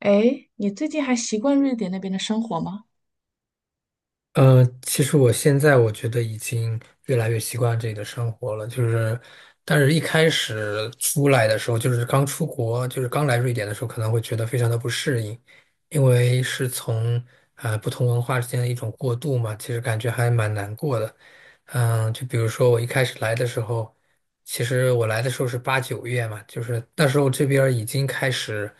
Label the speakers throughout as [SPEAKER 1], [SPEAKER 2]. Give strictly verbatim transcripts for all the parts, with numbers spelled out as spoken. [SPEAKER 1] 哎，你最近还习惯瑞典那边的生活吗？
[SPEAKER 2] 呃，其实我现在我觉得已经越来越习惯这里的生活了，就是，但是一开始出来的时候，就是刚出国，就是刚来瑞典的时候，可能会觉得非常的不适应，因为是从呃不同文化之间的一种过渡嘛，其实感觉还蛮难过的。嗯，就比如说我一开始来的时候，其实我来的时候是八九月嘛，就是那时候这边儿已经开始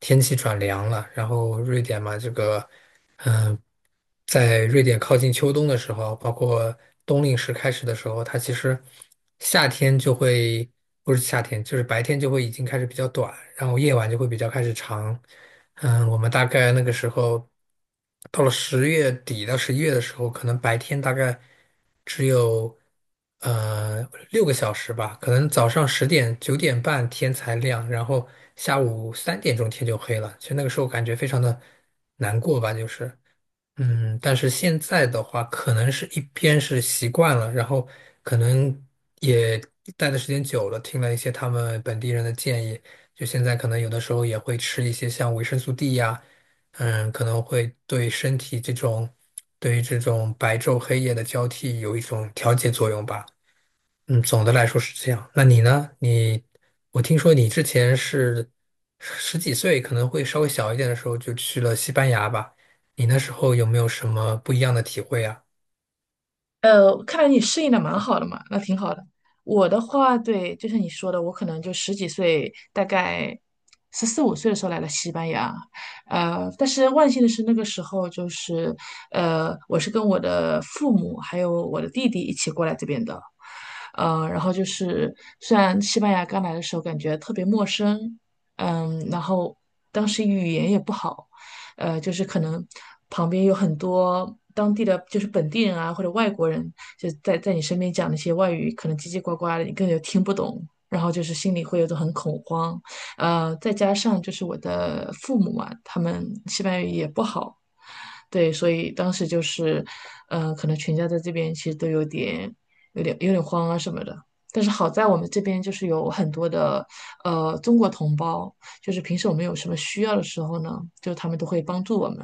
[SPEAKER 2] 天气转凉了，然后瑞典嘛，这个。在瑞典靠近秋冬的时候，包括冬令时开始的时候，它其实夏天就会，不是夏天，就是白天就会已经开始比较短，然后夜晚就会比较开始长。嗯，我们大概那个时候到了十月底到十一月的时候，可能白天大概只有呃六个小时吧，可能早上十点九点半天才亮，然后下午三点钟天就黑了。其实那个时候感觉非常的难过吧，就是。嗯，但是现在的话，可能是一边是习惯了，然后可能也待的时间久了，听了一些他们本地人的建议，就现在可能有的时候也会吃一些像维生素 D 呀，嗯，可能会对身体这种，对于这种白昼黑夜的交替有一种调节作用吧。嗯，总的来说是这样。那你呢？你，我听说你之前是十几岁，可能会稍微小一点的时候就去了西班牙吧？你那时候有没有什么不一样的体会啊？
[SPEAKER 1] 呃，看来你适应的蛮好的嘛，那挺好的。我的话，对，就像你说的，我可能就十几岁，大概十四五岁的时候来了西班牙。呃，但是万幸的是，那个时候就是，呃，我是跟我的父母还有我的弟弟一起过来这边的。呃，然后就是，虽然西班牙刚来的时候感觉特别陌生，嗯，然后当时语言也不好。呃，就是可能旁边有很多当地的就是本地人啊或者外国人，就在在你身边讲那些外语，可能叽叽呱呱的，你根本就听不懂。然后就是心里会有种很恐慌，呃，再加上就是我的父母嘛，他们西班牙语也不好，对，所以当时就是，呃，可能全家在这边其实都有点、有点、有点慌啊什么的。但是好在我们这边就是有很多的呃中国同胞，就是平时我们有什么需要的时候呢，就他们都会帮助我们。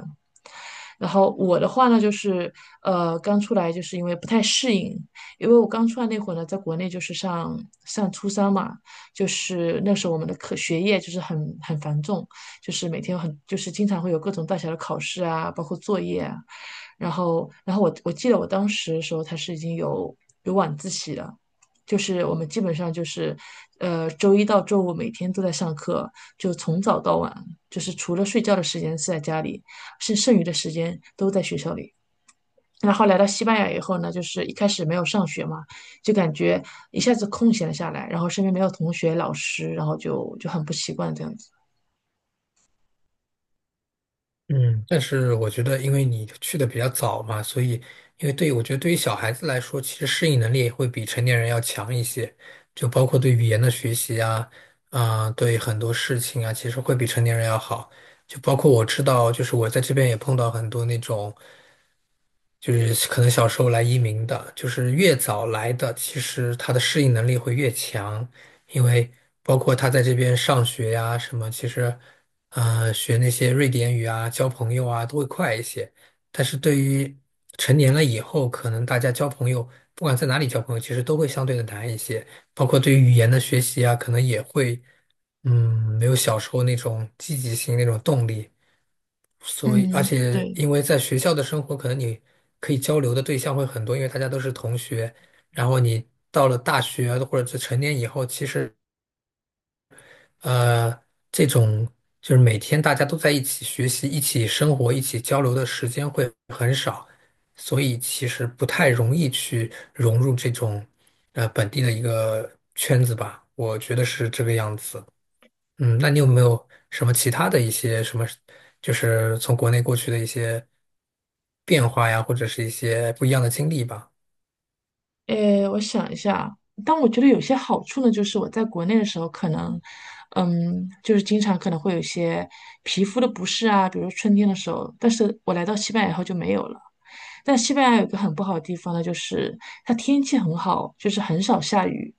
[SPEAKER 1] 然后我的话呢，就是呃，刚出来就是因为不太适应，因为我刚出来那会儿呢，在国内就是上上初三嘛，就是那时候我们的课学业就是很很繁重，就是每天很就是经常会有各种大小的考试啊，包括作业啊。然后，然后我我记得我当时的时候，他是已经有有晚自习了，就是我们基本上就是，呃，周一到周五每天都在上课，就从早到晚，就是除了睡觉的时间是在家里，剩剩余的时间都在学校里。然后来到西班牙以后呢，就是一开始没有上学嘛，就感觉一下子空闲了下来，然后身边没有同学、老师，然后就就很不习惯这样子。
[SPEAKER 2] 嗯，但是我觉得，因为你去的比较早嘛，所以，因为对于我觉得对于小孩子来说，其实适应能力会比成年人要强一些，就包括对语言的学习啊，啊、对很多事情啊，其实会比成年人要好。就包括我知道，就是我在这边也碰到很多那种。就是可能小时候来移民的，就是越早来的，其实他的适应能力会越强，因为包括他在这边上学呀、什么，其实，呃，学那些瑞典语啊、交朋友啊都会快一些。但是对于成年了以后，可能大家交朋友，不管在哪里交朋友，其实都会相对的难一些，包括对于语言的学习啊，可能也会，嗯，没有小时候那种积极性、那种动力。所以，而
[SPEAKER 1] 嗯，
[SPEAKER 2] 且
[SPEAKER 1] 对。
[SPEAKER 2] 因为在学校的生活，可能你可以交流的对象会很多，因为大家都是同学。然后你到了大学或者是成年以后，其实，呃，这种就是每天大家都在一起学习、一起生活、一起交流的时间会很少，所以其实不太容易去融入这种呃本地的一个圈子吧。我觉得是这个样子。嗯，那你有没有什么其他的一些什么，就是从国内过去的一些变化呀，或者是一些不一样的经历吧？
[SPEAKER 1] 诶，我想一下，但我觉得有些好处呢，就是我在国内的时候，可能，嗯，就是经常可能会有一些皮肤的不适啊，比如说春天的时候，但是我来到西班牙以后就没有了。但西班牙有个很不好的地方呢，就是它天气很好，就是很少下雨，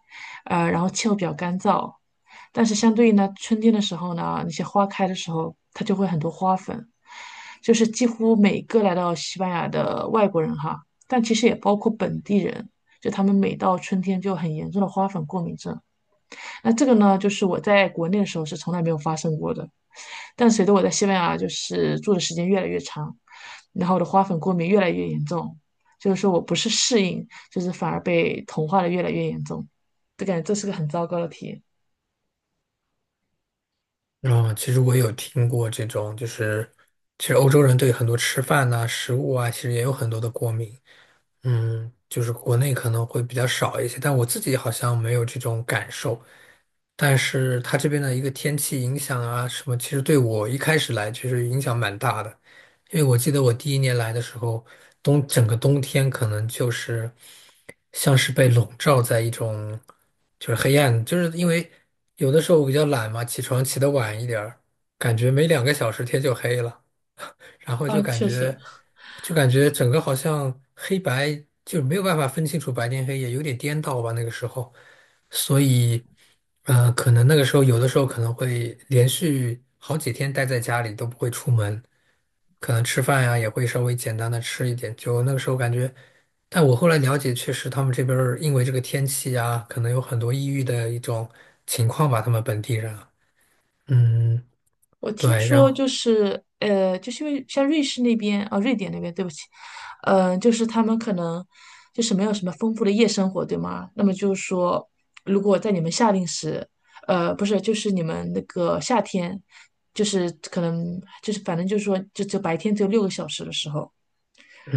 [SPEAKER 1] 呃，然后气候比较干燥。但是相对应呢，春天的时候呢，那些花开的时候，它就会很多花粉。就是几乎每个来到西班牙的外国人哈，但其实也包括本地人，就他们每到春天就很严重的花粉过敏症。那这个呢，就是我在国内的时候是从来没有发生过的，但随着我在西班牙就是住的时间越来越长，然后我的花粉过敏越来越严重，就是说我不是适应，就是反而被同化的越来越严重，就感觉这是个很糟糕的体验。
[SPEAKER 2] 嗯，其实我有听过这种，就是其实欧洲人对很多吃饭呐、食物啊，其实也有很多的过敏。嗯，就是国内可能会比较少一些，但我自己好像没有这种感受。但是它这边的一个天气影响啊什么，其实对我一开始来其实影响蛮大的，因为我记得我第一年来的时候，冬整个冬天可能就是像是被笼罩在一种就是黑暗，就是因为有的时候我比较懒嘛，起床起得晚一点儿，感觉没两个小时天就黑了，然后就
[SPEAKER 1] 啊，
[SPEAKER 2] 感
[SPEAKER 1] 确实，
[SPEAKER 2] 觉就感觉整个好像黑白就没有办法分清楚白天黑夜，有点颠倒吧那个时候。所以，呃，可能那个时候有的时候可能会连续好几天待在家里都不会出门，可能吃饭呀也会稍微简单的吃一点。就那个时候感觉，但我后来了解，确实他们这边儿因为这个天气呀，可能有很多抑郁的一种情况吧，他们本地人啊嗯，
[SPEAKER 1] 我听
[SPEAKER 2] 对，然
[SPEAKER 1] 说
[SPEAKER 2] 后
[SPEAKER 1] 就是呃，就是因为像瑞士那边啊，瑞典那边，对不起，呃，就是他们可能就是没有什么丰富的夜生活，对吗？那么就是说，如果在你们夏令时，呃，不是，就是你们那个夏天，就是可能就是反正就是说，就就白天只有六个小时的时候，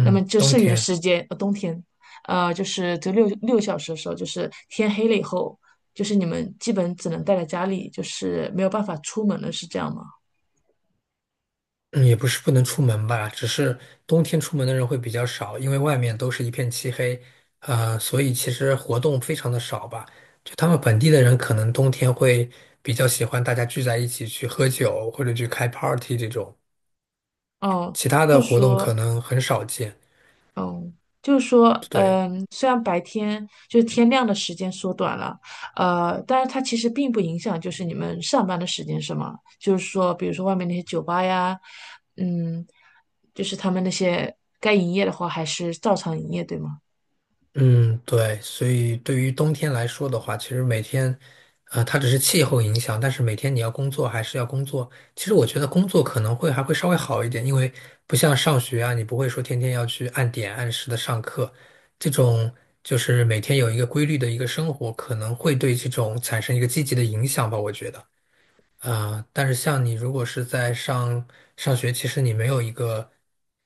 [SPEAKER 1] 那么就
[SPEAKER 2] 冬
[SPEAKER 1] 剩余的
[SPEAKER 2] 天。
[SPEAKER 1] 时间，呃，冬天，呃，就是只有六六个小时的时候，就是天黑了以后，就是你们基本只能待在家里，就是没有办法出门了，是这样吗？
[SPEAKER 2] 嗯也不是不能出门吧，只是冬天出门的人会比较少，因为外面都是一片漆黑，呃，所以其实活动非常的少吧。就他们本地的人可能冬天会比较喜欢大家聚在一起去喝酒或者去开 party 这种，
[SPEAKER 1] 哦，
[SPEAKER 2] 其他
[SPEAKER 1] 就
[SPEAKER 2] 的
[SPEAKER 1] 是
[SPEAKER 2] 活动
[SPEAKER 1] 说，
[SPEAKER 2] 可能很少见。
[SPEAKER 1] 嗯，就是说，
[SPEAKER 2] 对。
[SPEAKER 1] 嗯，虽然白天就是天亮的时间缩短了，呃，但是它其实并不影响，就是你们上班的时间是吗？就是说，比如说外面那些酒吧呀，嗯，就是他们那些该营业的话，还是照常营业，对吗？
[SPEAKER 2] 嗯，对，所以对于冬天来说的话，其实每天，呃，它只是气候影响，但是每天你要工作还是要工作。其实我觉得工作可能会还会稍微好一点，因为不像上学啊，你不会说天天要去按点按时的上课，这种就是每天有一个规律的一个生活，可能会对这种产生一个积极的影响吧，我觉得。啊，但是像你如果是在上上学，其实你没有一个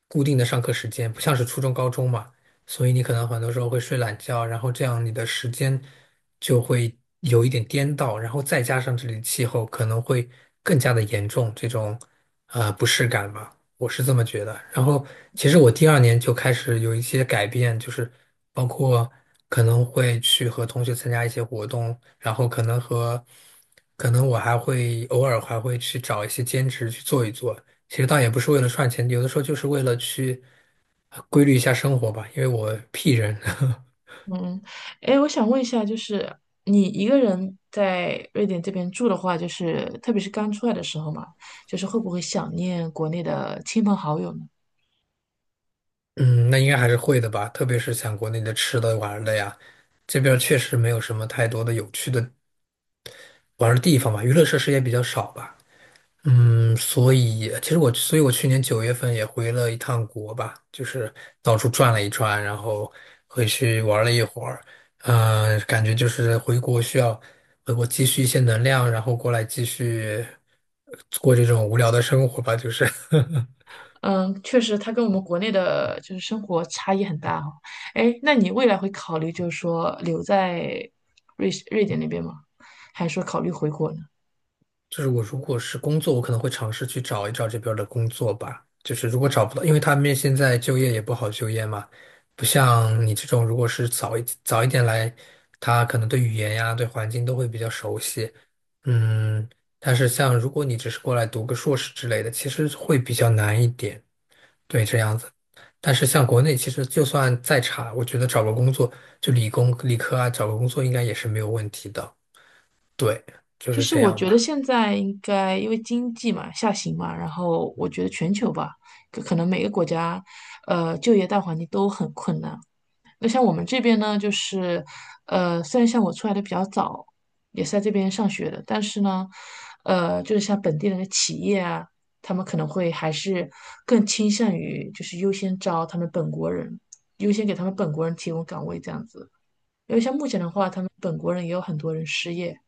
[SPEAKER 2] 固定的上课时间，不像是初中、高中嘛，所以你可能很多时候会睡懒觉，然后这样你的时间就会有一点颠倒，然后再加上这里的气候可能会更加的严重这种呃不适感吧。我是这么觉得。然后，其实我第二年就开始有一些改变，就是包括可能会去和同学参加一些活动，然后可能和可能我还会偶尔还会去找一些兼职去做一做。其实倒也不是为了赚钱，有的时候就是为了去呃规律一下生活吧，因为我 P 人。
[SPEAKER 1] 嗯，哎，我想问一下，就是你一个人在瑞典这边住的话，就是特别是刚出来的时候嘛，就是会不会想念国内的亲朋好友呢？
[SPEAKER 2] 嗯，那应该还是会的吧，特别是像国内的吃的玩儿的呀，这边儿确实没有什么太多的有趣的玩儿的地方吧，娱乐设施也比较少吧。嗯，所以其实我，所以我去年九月份也回了一趟国吧，就是到处转了一转，然后回去玩了一会儿，呃，感觉就是回国需要回国积蓄一些能量，然后过来继续呃过这种无聊的生活吧，就是。
[SPEAKER 1] 嗯，确实，它跟我们国内的就是生活差异很大哈。哎，那你未来会考虑就是说留在瑞士瑞典那边吗？还是说考虑回国呢？
[SPEAKER 2] 就是我如果是工作，我可能会尝试去找一找这边儿的工作吧。就是如果找不到，因为他们现在就业也不好就业嘛，不像你这种，如果是早一早一点来，他可能对语言呀、对环境都会比较熟悉。嗯，但是像如果你只是过来读个硕士之类的，其实会比较难一点。对，这样子。但是像国内，其实就算再差，我觉得找个工作，就理工、理科啊，找个工作应该也是没有问题的。对，就
[SPEAKER 1] 其
[SPEAKER 2] 是
[SPEAKER 1] 实
[SPEAKER 2] 这
[SPEAKER 1] 我
[SPEAKER 2] 样
[SPEAKER 1] 觉得
[SPEAKER 2] 吧。
[SPEAKER 1] 现在应该因为经济嘛下行嘛，然后我觉得全球吧，可可能每个国家，呃，就业大环境都很困难。那像我们这边呢，就是，呃，虽然像我出来的比较早，也是在这边上学的，但是呢，呃，就是像本地人的企业啊，他们可能会还是更倾向于就是优先招他们本国人，优先给他们本国人提供岗位这样子。因为像目前的话，他们本国人也有很多人失业，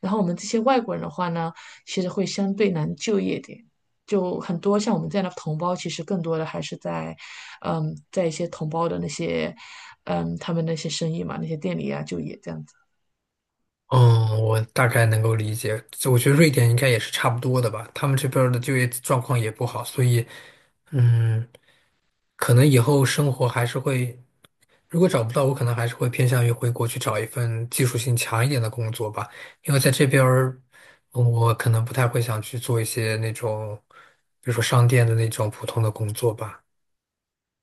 [SPEAKER 1] 然后我们这些外国人的话呢，其实会相对难就业点，就很多像我们这样的同胞，其实更多的还是在，嗯，在一些同胞的那些，嗯，他们那些生意嘛，那些店里啊就业这样子。
[SPEAKER 2] 嗯，我大概能够理解。这我觉得瑞典应该也是差不多的吧，他们这边儿的就业状况也不好，所以，嗯，可能以后生活还是会，如果找不到，我可能还是会偏向于回国去找一份技术性强一点的工作吧，因为在这边儿嗯我可能不太会想去做一些那种，比如说商店的那种普通的工作吧。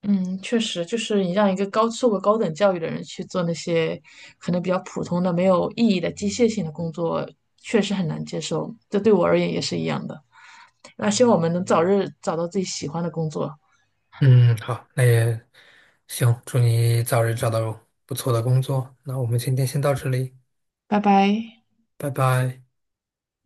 [SPEAKER 1] 嗯，确实，就是你让一个高受过高等教育的人去做那些可能比较普通的、没有意义的机械性的工作，确实很难接受。这对我而言也是一样的。那希望我们能早日找到自己喜欢的工作。
[SPEAKER 2] 嗯，好，那也行，祝你早日找到不错的工作。那我们今天先到这里，
[SPEAKER 1] 拜拜。
[SPEAKER 2] 拜拜。